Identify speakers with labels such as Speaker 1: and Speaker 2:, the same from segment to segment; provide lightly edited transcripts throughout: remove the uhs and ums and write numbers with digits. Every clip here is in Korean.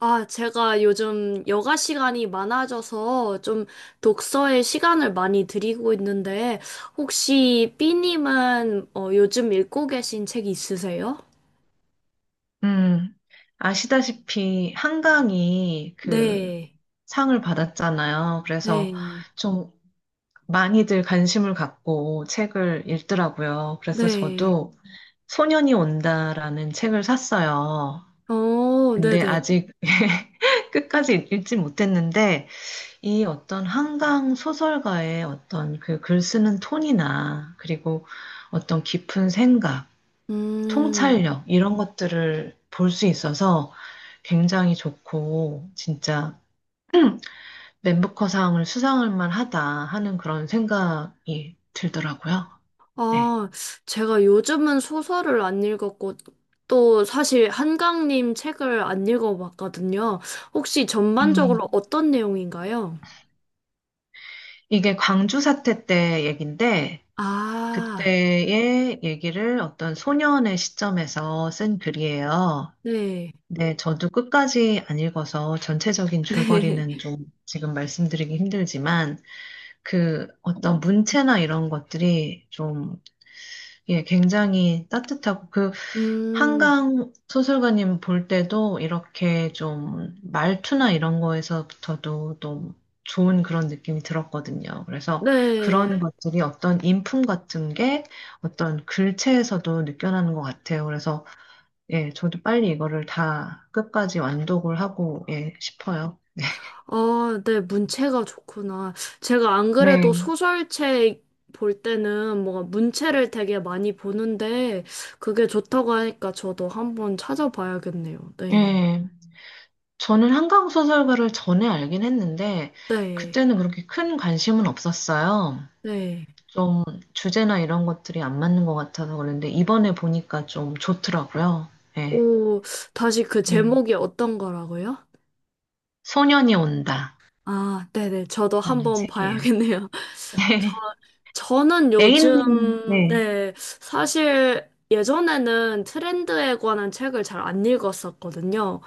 Speaker 1: 아, 제가 요즘 여가 시간이 많아져서 좀 독서에 시간을 많이 들이고 있는데, 혹시 삐님은 요즘 읽고 계신 책 있으세요?
Speaker 2: 음, 아시다시피 한강이
Speaker 1: 네,
Speaker 2: 상을 받았잖아요. 그래서
Speaker 1: 네,
Speaker 2: 좀 많이들 관심을 갖고 책을 읽더라고요. 그래서
Speaker 1: 네.
Speaker 2: 저도 소년이 온다라는 책을 샀어요.
Speaker 1: 어,
Speaker 2: 근데
Speaker 1: 네네.
Speaker 2: 아직 끝까지 읽지 못했는데 이 어떤 한강 소설가의 어떤 그 글 쓰는 톤이나 그리고 어떤 깊은 생각
Speaker 1: 음,
Speaker 2: 통찰력 이런 것들을 볼 수 있어서 굉장히 좋고 진짜 맨부커상을 수상할 만하다 하는 그런 생각이 들더라고요. 네.
Speaker 1: 아, 제가 요즘은 소설을 안 읽었고, 또 사실 한강님 책을 안 읽어봤거든요. 혹시 전반적으로
Speaker 2: 음,
Speaker 1: 어떤 내용인가요?
Speaker 2: 이게 광주 사태 때 얘긴데
Speaker 1: 아,
Speaker 2: 그때의 얘기를 어떤 소년의 시점에서 쓴 글이에요.
Speaker 1: 네,
Speaker 2: 네, 저도 끝까지 안 읽어서 전체적인
Speaker 1: 네.
Speaker 2: 줄거리는 좀 지금 말씀드리기 힘들지만 그 어떤 문체나 이런 것들이 좀 예, 굉장히 따뜻하고
Speaker 1: 음,
Speaker 2: 한강 소설가님 볼 때도 이렇게 좀 말투나 이런 거에서부터도 또 좋은 그런 느낌이 들었거든요. 그래서 그런
Speaker 1: 네.
Speaker 2: 것들이 어떤 인품 같은 게 어떤 글체에서도 느껴나는 것 같아요. 그래서 예, 저도 빨리 이거를 다 끝까지 완독을 하고 예, 싶어요.
Speaker 1: 아, 네, 문체가 좋구나. 제가 안 그래도
Speaker 2: 네.
Speaker 1: 소설책 볼 때는 뭔가 문체를 되게 많이 보는데, 그게 좋다고 하니까 저도 한번 찾아봐야겠네요. 네.
Speaker 2: 예. 저는 한강 소설가를 전에 알긴 했는데
Speaker 1: 네.
Speaker 2: 그때는 그렇게 큰 관심은 없었어요.
Speaker 1: 네.
Speaker 2: 좀 주제나 이런 것들이 안 맞는 것 같아서 그런데 이번에 보니까 좀 좋더라고요. 네.
Speaker 1: 오, 다시 그
Speaker 2: 네.
Speaker 1: 제목이 어떤 거라고요?
Speaker 2: 소년이 온다.
Speaker 1: 아, 네네. 저도
Speaker 2: 라는
Speaker 1: 한번
Speaker 2: 책이에요.
Speaker 1: 봐야겠네요.
Speaker 2: 네.
Speaker 1: 저는
Speaker 2: A님은,
Speaker 1: 요즘,
Speaker 2: 네.
Speaker 1: 네, 사실 예전에는 트렌드에 관한 책을 잘 안 읽었었거든요.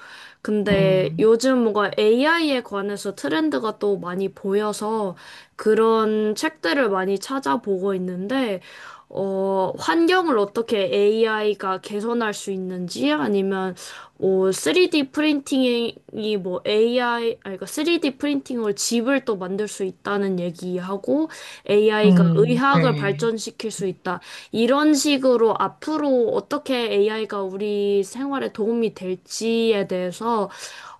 Speaker 1: 근데
Speaker 2: 음,
Speaker 1: 요즘 뭔가 AI에 관해서 트렌드가 또 많이 보여서 그런 책들을 많이 찾아보고 있는데, 환경을 어떻게 AI가 개선할 수 있는지 아니면 3D 프린팅이 뭐 AI 아니 그러니까 3D 프린팅으로 집을 또 만들 수 있다는 얘기하고 AI가 의학을
Speaker 2: 네.
Speaker 1: 발전시킬 수 있다. 이런 식으로 앞으로 어떻게 AI가 우리 생활에 도움이 될지에 대해서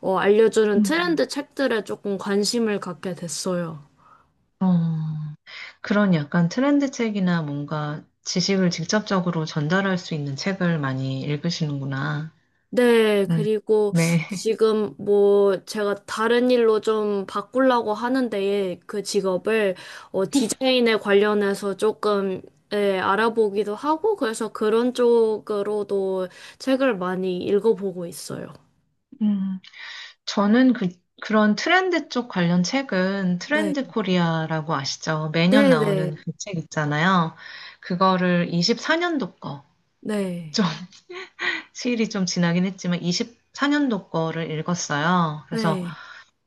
Speaker 1: 알려주는
Speaker 2: 음.
Speaker 1: 트렌드 책들에 조금 관심을 갖게 됐어요.
Speaker 2: 어, 그런 약간 트렌드 책이나 뭔가 지식을 직접적으로 전달할 수 있는 책을 많이 읽으시는구나.
Speaker 1: 네,
Speaker 2: 음,
Speaker 1: 그리고
Speaker 2: 네.
Speaker 1: 지금 뭐 제가 다른 일로 좀 바꾸려고 하는데 그 직업을 디자인에 관련해서 조금 예, 알아보기도 하고 그래서 그런 쪽으로도 책을 많이 읽어보고 있어요.
Speaker 2: 음. 저는 그런 트렌드 쪽 관련 책은
Speaker 1: 네,
Speaker 2: 트렌드 코리아라고 아시죠? 매년
Speaker 1: 네, 네,
Speaker 2: 나오는 그 책 있잖아요. 그거를 24년도 거, 좀,
Speaker 1: 네,
Speaker 2: 시일이 좀 지나긴 했지만 24년도 거를 읽었어요. 그래서
Speaker 1: 네.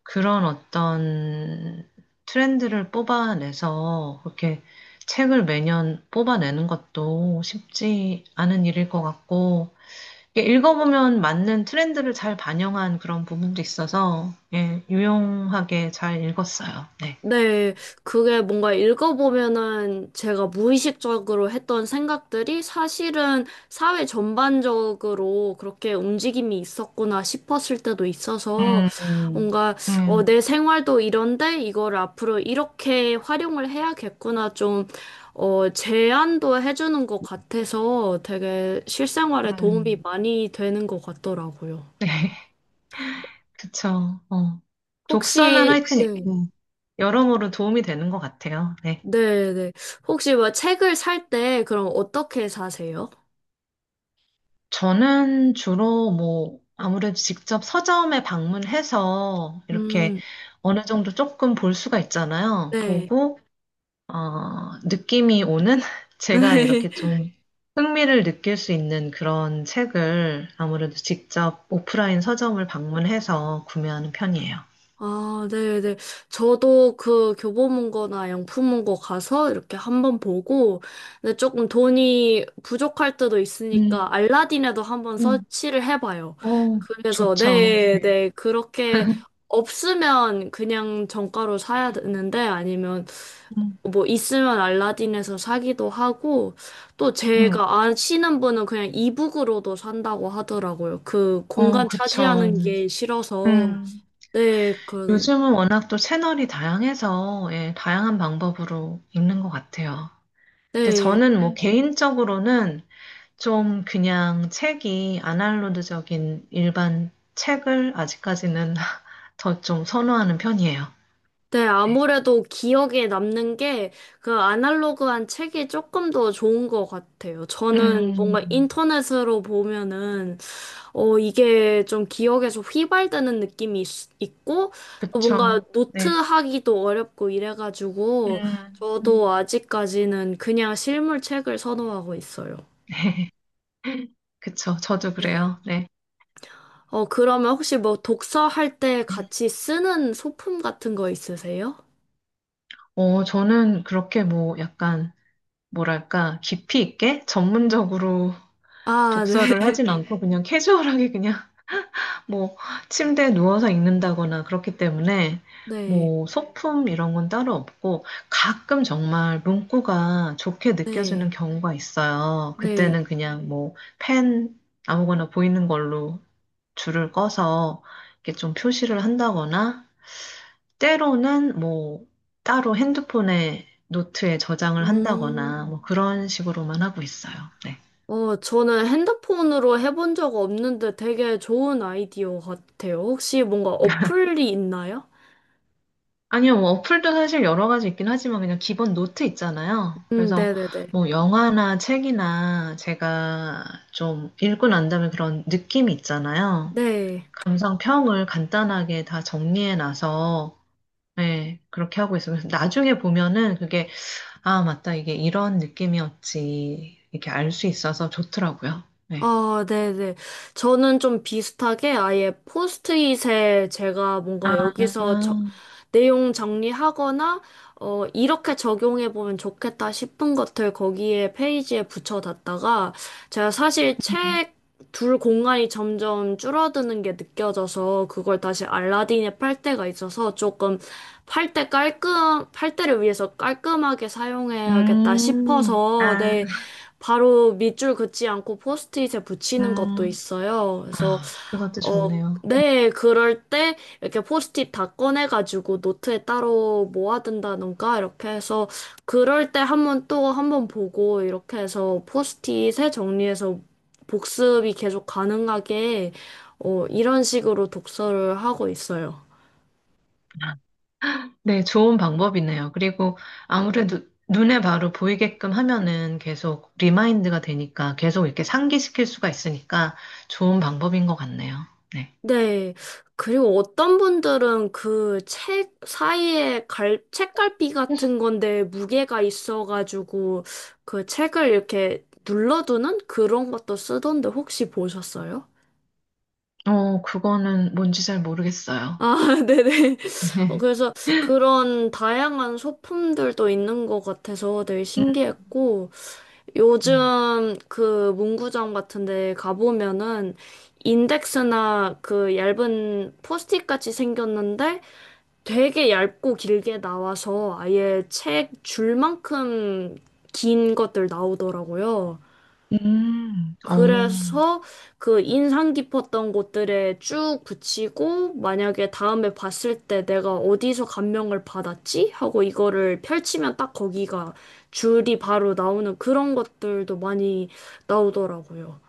Speaker 2: 그런 어떤 트렌드를 뽑아내서 그렇게 책을 매년 뽑아내는 것도 쉽지 않은 일일 것 같고, 이게 읽어보면 맞는 트렌드를 잘 반영한 그런 부분도 있어서, 예, 유용하게 잘 읽었어요. 네.
Speaker 1: 네, 그게 뭔가 읽어보면은 제가 무의식적으로 했던 생각들이 사실은 사회 전반적으로 그렇게 움직임이 있었구나 싶었을 때도 있어서
Speaker 2: 음,
Speaker 1: 뭔가
Speaker 2: 음,
Speaker 1: 내 생활도 이런데 이걸 앞으로 이렇게 활용을 해야겠구나 좀 제안도 해주는 것 같아서 되게 실생활에 도움이
Speaker 2: 음.
Speaker 1: 많이 되는 것 같더라고요.
Speaker 2: 네. 그쵸. 어. 독서는
Speaker 1: 혹시,
Speaker 2: 하여튼
Speaker 1: 네.
Speaker 2: 여러모로 도움이 되는 것 같아요. 네.
Speaker 1: 네, 네. 혹시 뭐 책을 살 때 그럼 어떻게 사세요?
Speaker 2: 저는 주로 뭐, 아무래도 직접 서점에 방문해서 이렇게
Speaker 1: 음,
Speaker 2: 어느 정도 조금 볼 수가 있잖아요.
Speaker 1: 네.
Speaker 2: 보고, 느낌이 오는 제가 이렇게 좀 네. 흥미를 느낄 수 있는 그런 책을 아무래도 직접 오프라인 서점을 방문해서 구매하는 편이에요.
Speaker 1: 아, 네, 네. 저도 그 교보문고나 양품문고 가서 이렇게 한번 보고, 근데 조금 돈이 부족할 때도 있으니까
Speaker 2: 음,
Speaker 1: 알라딘에도 한번
Speaker 2: 음,
Speaker 1: 서치를 해봐요.
Speaker 2: 어,
Speaker 1: 그래서,
Speaker 2: 좋죠.
Speaker 1: 네,
Speaker 2: 네.
Speaker 1: 네. 그렇게 없으면 그냥 정가로 사야 되는데 아니면
Speaker 2: 음,
Speaker 1: 뭐 있으면 알라딘에서 사기도 하고 또
Speaker 2: 음,
Speaker 1: 제가 아시는 분은 그냥 이북으로도 산다고 하더라고요. 그
Speaker 2: 어,
Speaker 1: 공간
Speaker 2: 그쵸.
Speaker 1: 차지하는 게 싫어서
Speaker 2: 음,
Speaker 1: 네,
Speaker 2: 요즘은 워낙 또 채널이 다양해서 예, 다양한 방법으로 읽는 것 같아요. 근데
Speaker 1: 네.
Speaker 2: 저는 뭐 개인적으로는 좀 그냥 책이 아날로그적인 일반 책을 아직까지는 더 좀 선호하는 편이에요.
Speaker 1: 네,
Speaker 2: 네.
Speaker 1: 아무래도 기억에 남는 게 그 아날로그한 책이 조금 더 좋은 것 같아요. 저는
Speaker 2: 음,
Speaker 1: 뭔가 인터넷으로 보면은, 이게 좀 기억에서 휘발되는 느낌이 있고, 또 뭔가
Speaker 2: 그쵸. 네.
Speaker 1: 노트하기도 어렵고 이래가지고,
Speaker 2: 음,
Speaker 1: 저도
Speaker 2: 음.
Speaker 1: 아직까지는 그냥 실물 책을 선호하고 있어요.
Speaker 2: 네. 그쵸. 저도
Speaker 1: 네.
Speaker 2: 그래요. 네.
Speaker 1: 그러면 혹시 뭐 독서할 때 같이 쓰는 소품 같은 거 있으세요?
Speaker 2: 저는 그렇게 뭐 약간, 뭐랄까, 깊이 있게 전문적으로
Speaker 1: 아, 네.
Speaker 2: 독서를 하진 않고 그냥 캐주얼하게 그냥 뭐 침대에 누워서 읽는다거나 그렇기 때문에
Speaker 1: 네.
Speaker 2: 뭐 소품 이런 건 따로 없고 가끔 정말 문구가 좋게
Speaker 1: 네.
Speaker 2: 느껴지는 경우가 있어요.
Speaker 1: 네.
Speaker 2: 그때는 그냥 뭐 펜 아무거나 보이는 걸로 줄을 꺼서 이렇게 좀 표시를 한다거나 때로는 뭐 따로 핸드폰에 노트에 저장을 한다거나
Speaker 1: 음.
Speaker 2: 뭐 그런 식으로만 하고 있어요. 네.
Speaker 1: 저는 핸드폰으로 해본 적 없는데 되게 좋은 아이디어 같아요. 혹시 뭔가 어플이 있나요?
Speaker 2: 아니요, 뭐 어플도 사실 여러 가지 있긴 하지만 그냥 기본 노트 있잖아요. 그래서
Speaker 1: 네네네.
Speaker 2: 뭐 영화나 책이나 제가 좀 읽고 난 다음에 그런 느낌이 있잖아요.
Speaker 1: 네.
Speaker 2: 감상평을 간단하게 다 정리해 놔서 네, 그렇게 하고 있어요. 그래서 나중에 보면은 그게 아, 맞다. 이게 이런 느낌이었지. 이렇게 알 수 있어서 좋더라고요. 네.
Speaker 1: 아, 네네. 저는 좀 비슷하게 아예 포스트잇에 제가 뭔가
Speaker 2: 아,
Speaker 1: 여기서 내용 정리하거나, 이렇게 적용해보면 좋겠다 싶은 것들 거기에 페이지에 붙여놨다가, 제가 사실 책 둘 공간이 점점 줄어드는 게 느껴져서 그걸 다시 알라딘에 팔 때가 있어서 조금 팔 때를 위해서 깔끔하게 사용해야겠다 싶어서,
Speaker 2: 아,
Speaker 1: 네. 바로 밑줄 긋지 않고 포스트잇에 붙이는 것도
Speaker 2: 음,
Speaker 1: 있어요. 그래서
Speaker 2: 아, 그것도
Speaker 1: 어,
Speaker 2: 좋네요.
Speaker 1: 네, 그럴 때 이렇게 포스트잇 다 꺼내가지고 노트에 따로 모아둔다던가 이렇게 해서 그럴 때 한번 또 한번 보고 이렇게 해서 포스트잇에 정리해서 복습이 계속 가능하게 이런 식으로 독서를 하고 있어요.
Speaker 2: 네, 좋은 방법이네요. 그리고 아무래도 눈에 바로 보이게끔 하면은 계속 리마인드가 되니까 계속 이렇게 상기시킬 수가 있으니까 좋은 방법인 것 같네요. 네.
Speaker 1: 네. 그리고 어떤 분들은 그 책 사이에 책갈피 같은 건데 무게가 있어가지고 그 책을 이렇게 눌러두는 그런 것도 쓰던데 혹시 보셨어요?
Speaker 2: 어, 그거는 뭔지 잘 모르겠어요.
Speaker 1: 아, 네네. 그래서 그런 다양한 소품들도 있는 것 같아서 되게
Speaker 2: 음,
Speaker 1: 신기했고, 요즘 그 문구점 같은 데 가보면은 인덱스나 그 얇은 포스트잇 같이 생겼는데, 되게 얇고 길게 나와서 아예 책 줄만큼 긴 것들 나오더라고요.
Speaker 2: 어.
Speaker 1: 그래서 그 인상 깊었던 곳들에 쭉 붙이고 만약에 다음에 봤을 때 내가 어디서 감명을 받았지? 하고 이거를 펼치면 딱 거기가 줄이 바로 나오는 그런 것들도 많이 나오더라고요.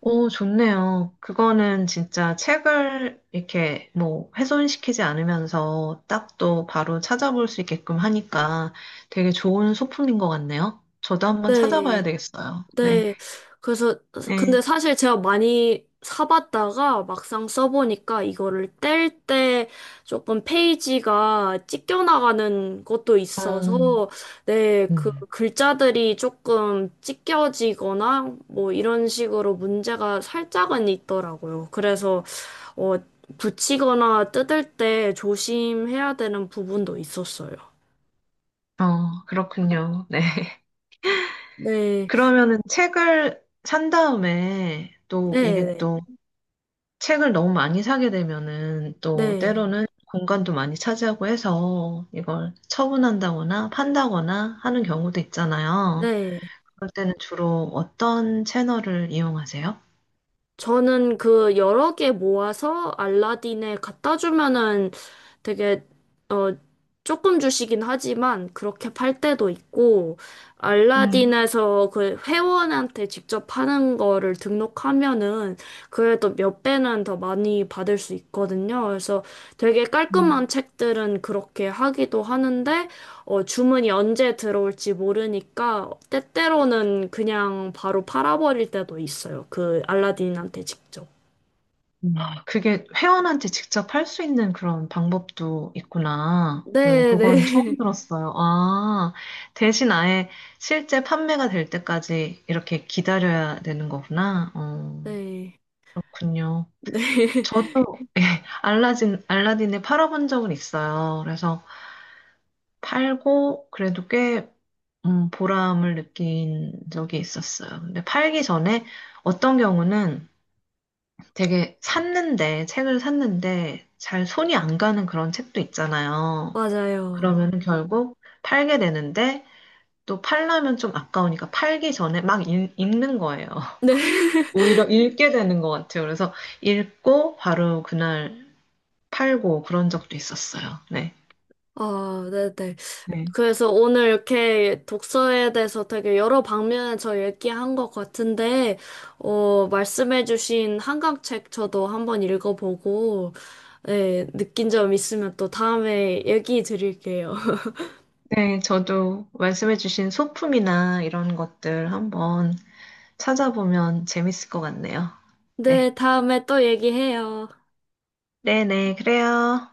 Speaker 2: 오, 좋네요. 그거는 진짜 책을 이렇게 뭐 훼손시키지 않으면서 딱 또 바로 찾아볼 수 있게끔 하니까 되게 좋은 소품인 것 같네요. 저도 한번 찾아봐야
Speaker 1: 네.
Speaker 2: 되겠어요. 네.
Speaker 1: 네. 그래서, 근데
Speaker 2: 네.
Speaker 1: 사실 제가 많이 사봤다가 막상 써보니까 이거를 뗄 때 조금 페이지가 찢겨나가는 것도
Speaker 2: 어,
Speaker 1: 있어서, 네, 그
Speaker 2: 음.
Speaker 1: 글자들이 조금 찢겨지거나 뭐 이런 식으로 문제가 살짝은 있더라고요. 그래서, 어, 붙이거나 뜯을 때 조심해야 되는 부분도 있었어요.
Speaker 2: 어, 그렇군요. 네.
Speaker 1: 네,
Speaker 2: 그러면은 책을 산 다음에 또 이게
Speaker 1: 네,
Speaker 2: 또 책을 너무 많이 사게 되면은 또
Speaker 1: 네,
Speaker 2: 때로는 공간도 많이 차지하고 해서 이걸 처분한다거나 판다거나 하는 경우도 있잖아요.
Speaker 1: 네.
Speaker 2: 그럴 때는 주로 어떤 채널을 이용하세요?
Speaker 1: 저는 그 여러 개 모아서 알라딘에 갖다 주면은 되게 어 조금 주시긴 하지만 그렇게 팔 때도 있고
Speaker 2: 음,
Speaker 1: 알라딘에서 그 회원한테 직접 파는 거를 등록하면은 그래도 몇 배는 더 많이 받을 수 있거든요. 그래서 되게 깔끔한
Speaker 2: 음.
Speaker 1: 책들은 그렇게 하기도 하는데 주문이 언제 들어올지 모르니까 때때로는 그냥 바로 팔아버릴 때도 있어요. 그 알라딘한테 직접.
Speaker 2: 음. 아, 그게 회원한테 직접 할 수 있는 그런 방법도 있구나. 어,
Speaker 1: 네,
Speaker 2: 그건 처음
Speaker 1: 네.
Speaker 2: 들었어요. 아, 대신 아예 실제 판매가 될 때까지 이렇게 기다려야 되는 거구나. 어,
Speaker 1: 네.
Speaker 2: 그렇군요.
Speaker 1: 네.
Speaker 2: 저도 예, 알라딘을 팔아본 적은 있어요. 그래서 팔고 그래도 꽤 보람을 느낀 적이 있었어요. 근데 팔기 전에 어떤 경우는 책을 샀는데 잘 손이 안 가는 그런 책도 있잖아요.
Speaker 1: 맞아요.
Speaker 2: 그러면 결국 팔게 되는데 또 팔려면 좀 아까우니까 팔기 전에 막 읽는 거예요.
Speaker 1: 네.
Speaker 2: 오히려 읽게 되는 것 같아요. 그래서 읽고 바로 그날 팔고 그런 적도 있었어요. 네.
Speaker 1: 아, 네, 네.
Speaker 2: 네.
Speaker 1: 그래서 오늘 이렇게 독서에 대해서 되게 여러 방면에서 얘기한 것 같은데, 말씀해주신 한강책 저도 한번 읽어보고, 네, 느낀 점 있으면 또 다음에 얘기 드릴게요.
Speaker 2: 네, 저도 말씀해주신 소품이나 이런 것들 한번 찾아보면 재밌을 것 같네요.
Speaker 1: 네,
Speaker 2: 네.
Speaker 1: 다음에 또 얘기해요.
Speaker 2: 네네, 그래요.